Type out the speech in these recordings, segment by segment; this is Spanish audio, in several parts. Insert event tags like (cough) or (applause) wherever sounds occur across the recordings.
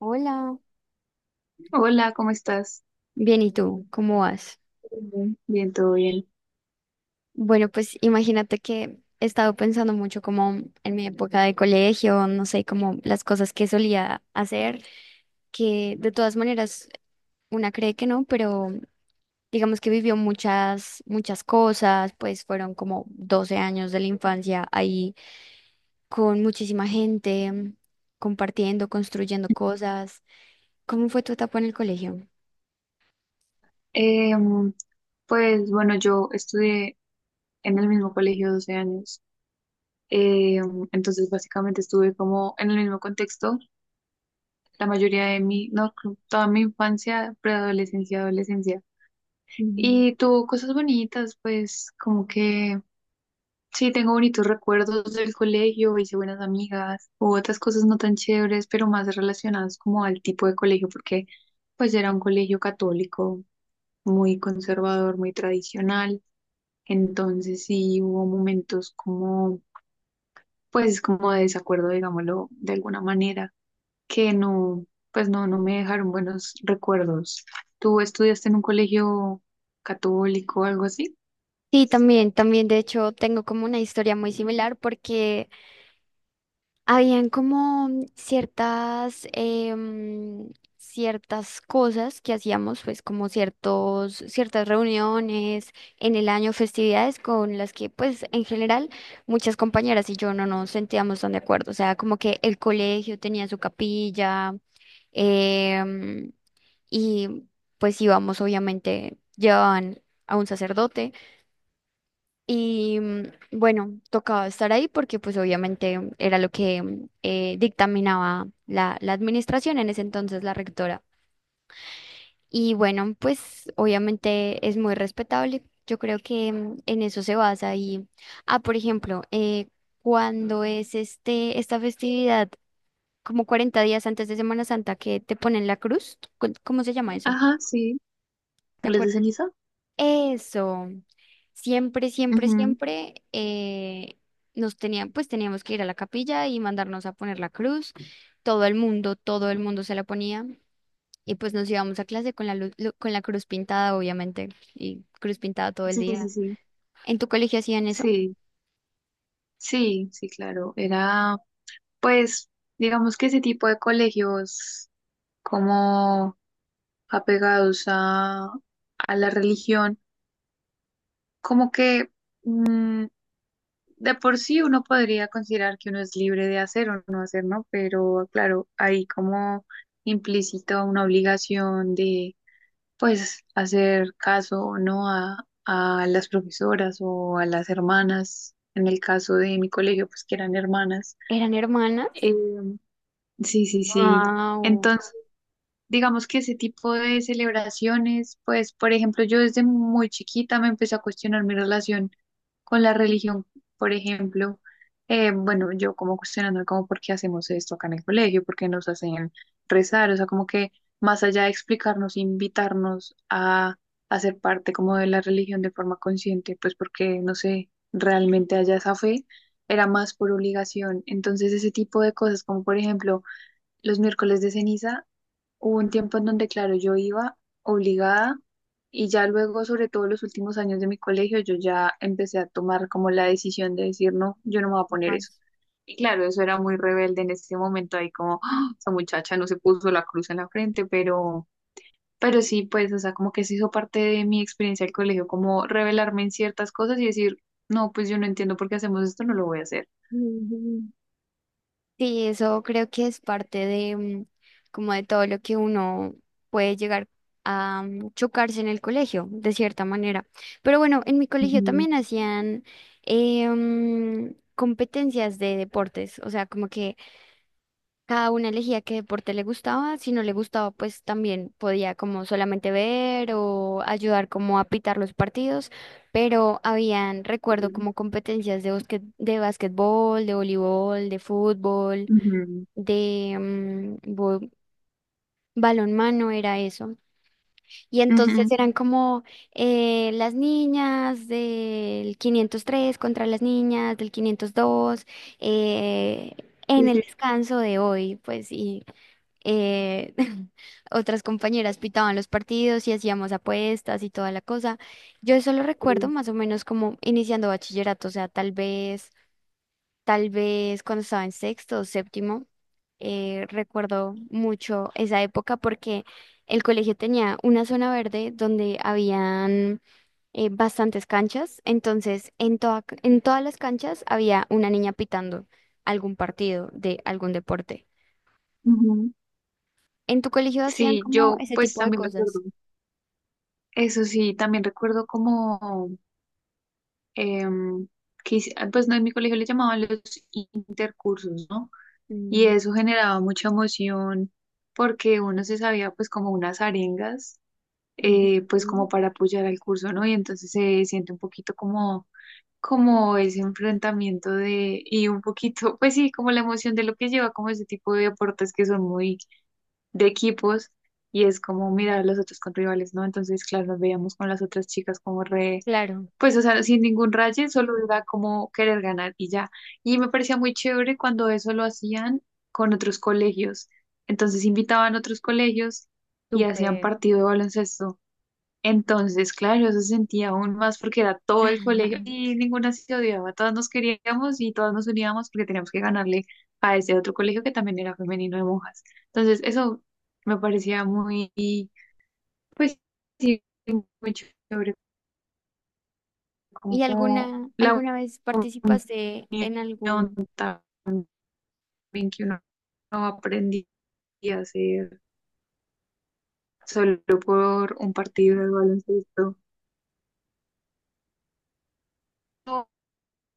Hola, Hola, ¿cómo estás? bien, ¿y tú? ¿Cómo vas? Bien, bien, todo bien. Bueno, pues imagínate que he estado pensando mucho como en mi época de colegio, no sé, como las cosas que solía hacer, que de todas maneras una cree que no, pero digamos que vivió muchas, muchas cosas, pues fueron como 12 años de la infancia ahí con muchísima gente, compartiendo, construyendo cosas. ¿Cómo fue tu etapa en el colegio? Em, pues bueno, yo estudié en el mismo colegio 12 años. Entonces básicamente estuve como en el mismo contexto la mayoría de mi, no, creo, toda mi infancia, preadolescencia, adolescencia. Y tuvo cosas bonitas, pues como que sí, tengo bonitos recuerdos del colegio, hice buenas amigas, hubo otras cosas no tan chéveres, pero más relacionadas como al tipo de colegio, porque pues era un colegio católico muy conservador, muy tradicional. Entonces sí hubo momentos como, pues como de desacuerdo, digámoslo, de alguna manera, que no, pues no, no me dejaron buenos recuerdos. ¿Tú estudiaste en un colegio católico o algo así? Sí, también, también, de hecho, tengo como una historia muy similar porque habían como ciertas, ciertas cosas que hacíamos, pues como ciertas reuniones en el año, festividades con las que, pues, en general, muchas compañeras y yo no nos sentíamos tan de acuerdo. O sea, como que el colegio tenía su capilla, em, y pues íbamos, obviamente, llevaban a un sacerdote. Y bueno, tocaba estar ahí porque pues obviamente era lo que dictaminaba la administración en ese entonces, la rectora. Y bueno, pues obviamente es muy respetable. Yo creo que en eso se basa. Y, ah, por ejemplo, cuando es esta festividad, como 40 días antes de Semana Santa, que te ponen la cruz, ¿cómo se llama eso? Ajá, sí. ¿Te ¿Les de acuerdas? ceniza? Eso, siempre, siempre, Ujú. siempre nos tenían, pues teníamos que ir a la capilla y mandarnos a poner la cruz. Todo el mundo se la ponía y pues nos íbamos a clase con con la cruz pintada, obviamente, y cruz pintada todo el Sí, sí, día. sí. ¿En tu colegio hacían eso? Sí, sí, sí, claro. Era, pues, digamos que ese tipo de colegios como apegados a, la religión. Como que mm, de por sí uno podría considerar que uno es libre de hacer o no hacer, ¿no? Pero claro, hay como implícito una obligación de, pues, hacer caso o no a las profesoras o a las hermanas, en el caso de mi colegio, pues que eran hermanas. ¿Eran hermanas? Em, sí, sí, sí. Wow, Digamos que ese tipo de celebraciones, pues, por ejemplo, yo desde muy chiquita me empecé a cuestionar mi relación con la religión, por ejemplo, bueno, yo como cuestionando como por qué hacemos esto acá en el colegio, por qué nos hacen rezar, o sea, como que más allá de explicarnos, invitarnos a, hacer ser parte como de la religión de forma consciente, pues porque, no sé, realmente haya esa fe, era más por obligación. Entonces, ese tipo de cosas, como por ejemplo, los miércoles de ceniza. Hubo un tiempo en donde, claro, yo iba obligada y ya luego, sobre todo los últimos años de mi colegio, yo ya empecé a tomar como la decisión de decir, no, yo no me voy a poner eso. más. Y claro, eso era muy rebelde en ese momento, ahí como, "Ah, esa muchacha no se puso la cruz en la frente", pero sí, pues, o sea, como que se hizo parte de mi experiencia del colegio, como revelarme en ciertas cosas y decir, no, pues yo no entiendo por qué hacemos esto, no lo voy a hacer. Sí, eso creo que es parte de como de todo lo que uno puede llegar a chocarse en el colegio, de cierta manera. Pero bueno, en mi colegio Ujú, también hacían competencias de deportes, o sea, como que cada una elegía qué deporte le gustaba, si no le gustaba, pues también podía como solamente ver o ayudar como a pitar los partidos, pero habían, recuerdo, sí, como competencias de de básquetbol de voleibol, de fútbol ujú, de balonmano era eso. Y entonces ujú, eran como las niñas del 503 contra las niñas del 502 eh, en sí, el sí, descanso de hoy, pues y eh, (laughs) otras compañeras pitaban los partidos y hacíamos apuestas y toda la cosa. Yo eso lo recuerdo sí, más o menos como iniciando bachillerato, o sea, tal vez cuando estaba en sexto o séptimo, recuerdo mucho esa época porque el colegio tenía una zona verde donde habían bastantes canchas, entonces en en todas las canchas había una niña pitando algún partido de algún deporte. ujú. ¿En tu colegio hacían Sí, como yo ese pues tipo de también cosas? recuerdo, eso sí, también recuerdo como em, ah, pues no, en mi colegio le llamaban los intercursos, ¿no? Y Mm, eso generaba mucha emoción porque uno se sabía pues como unas arengas, pues ujú. como para apoyar al curso, ¿no? Y entonces se siente un poquito como, como ese enfrentamiento de, y un poquito, (laughs) pues sí, como la emoción de lo que lleva como ese tipo de deportes que son muy de equipos y es como mirar a los otros con rivales, ¿no? Entonces, claro, nos veíamos con las otras chicas como Claro, pues, o sea, sin ningún raye, solo era como querer ganar y ya. Y me parecía muy chévere cuando eso lo hacían con otros colegios. Entonces, invitaban a otros colegios y hacían súper. partido de baloncesto. Entonces, claro, eso se sentía aún más porque era todo el colegio (laughs) y ninguna se odiaba, todas nos queríamos y todas nos uníamos porque teníamos que ganarle a ese otro colegio que también era femenino de monjas. Entonces, eso me parecía muy, pues sí, muy chévere, ¿Y como la alguna vez participaste en unión algún... también que uno no aprendía a hacer solo por un partido de baloncesto.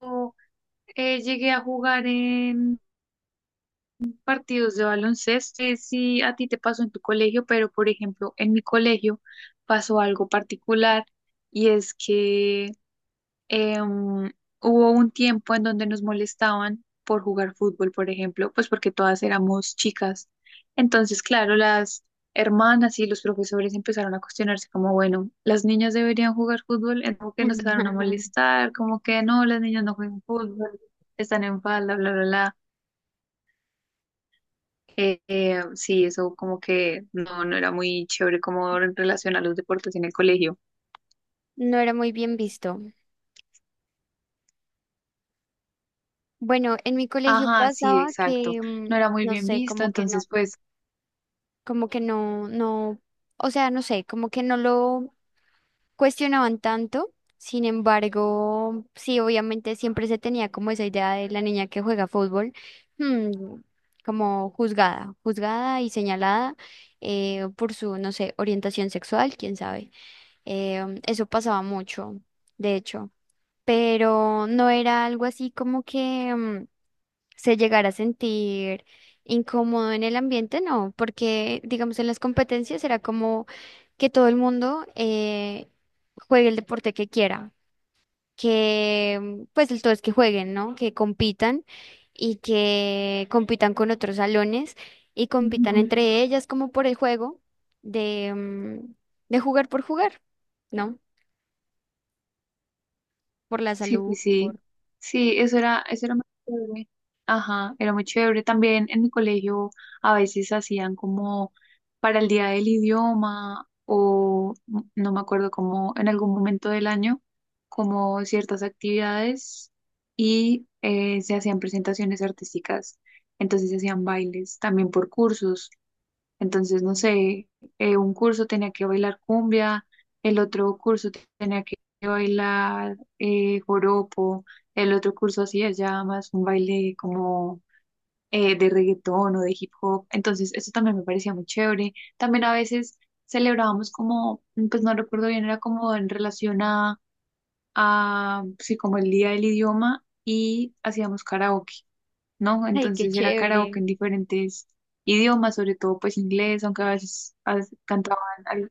Yo, llegué a jugar en partidos de baloncesto, sé si a ti te pasó en tu colegio, pero por ejemplo, en mi colegio pasó algo particular y es que em, hubo un tiempo en donde nos molestaban por jugar fútbol, por ejemplo, pues porque todas éramos chicas. Entonces, claro, las hermanas y los profesores empezaron a cuestionarse como, bueno, las niñas deberían jugar fútbol, en como que nos empezaron a (laughs) molestar, como que no, las niñas no juegan fútbol, están en falda, bla, bla, bla. Sí, eso como que no, no era muy chévere como en relación a los deportes en el colegio. No era muy bien visto. Bueno, en mi colegio Ajá, sí, pasaba exacto. que, No era muy no bien sé, visto, entonces pues, como que no, no, o sea, no sé, como que no lo cuestionaban tanto. Sin embargo, sí, obviamente siempre se tenía como esa idea de la niña que juega fútbol, mm, como juzgada, juzgada y señalada por su, no sé, orientación sexual, quién sabe. Eso pasaba mucho, de hecho, pero no era algo así como que se llegara a sentir incómodo en el ambiente, no, porque digamos en las competencias era como que todo el mundo juegue el deporte que quiera, que pues el todo es que jueguen, ¿no? Que compitan y que compitan con otros salones y compitan ujú, entre ellas como por el juego de, mm, de jugar por jugar, ¿no? Por la sí, sí, salud, sí. por... Sí, eso era muy chévere. Ajá, era muy chévere. También en mi colegio a veces hacían como para el día del idioma o no me acuerdo como en algún momento del año, como ciertas actividades y se hacían presentaciones artísticas. Entonces se hacían bailes también por cursos. Entonces, no sé, un curso tenía que bailar cumbia, el otro curso tenía que bailar joropo, el otro curso hacía ya más un baile como de reggaetón o de hip hop. Entonces, eso también me parecía muy chévere. También a veces celebrábamos como, pues no recuerdo bien, era como en relación a, sí, como el día del idioma y hacíamos karaoke. ¿No? Ay, qué Entonces era karaoke chévere. en diferentes idiomas, sobre todo pues inglés, aunque a veces cantaban al-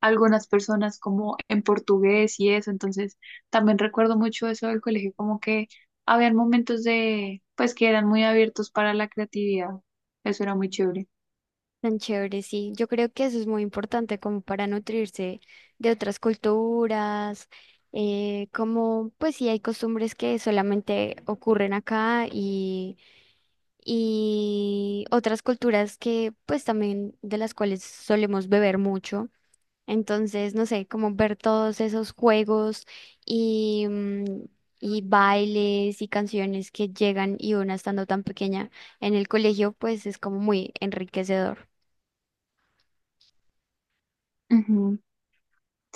algunas personas como en portugués y eso, entonces también recuerdo mucho eso del colegio, como que habían momentos de, pues que eran muy abiertos para la creatividad, eso era muy chévere. Tan chévere, sí. Yo creo que eso es muy importante como para nutrirse de otras culturas, como pues sí hay costumbres que solamente ocurren acá y, otras culturas que pues también de las cuales solemos beber mucho. Entonces, no sé, como ver todos esos juegos y, mm, y bailes y canciones que llegan y una estando tan pequeña en el colegio, pues es como muy enriquecedor. Ujú.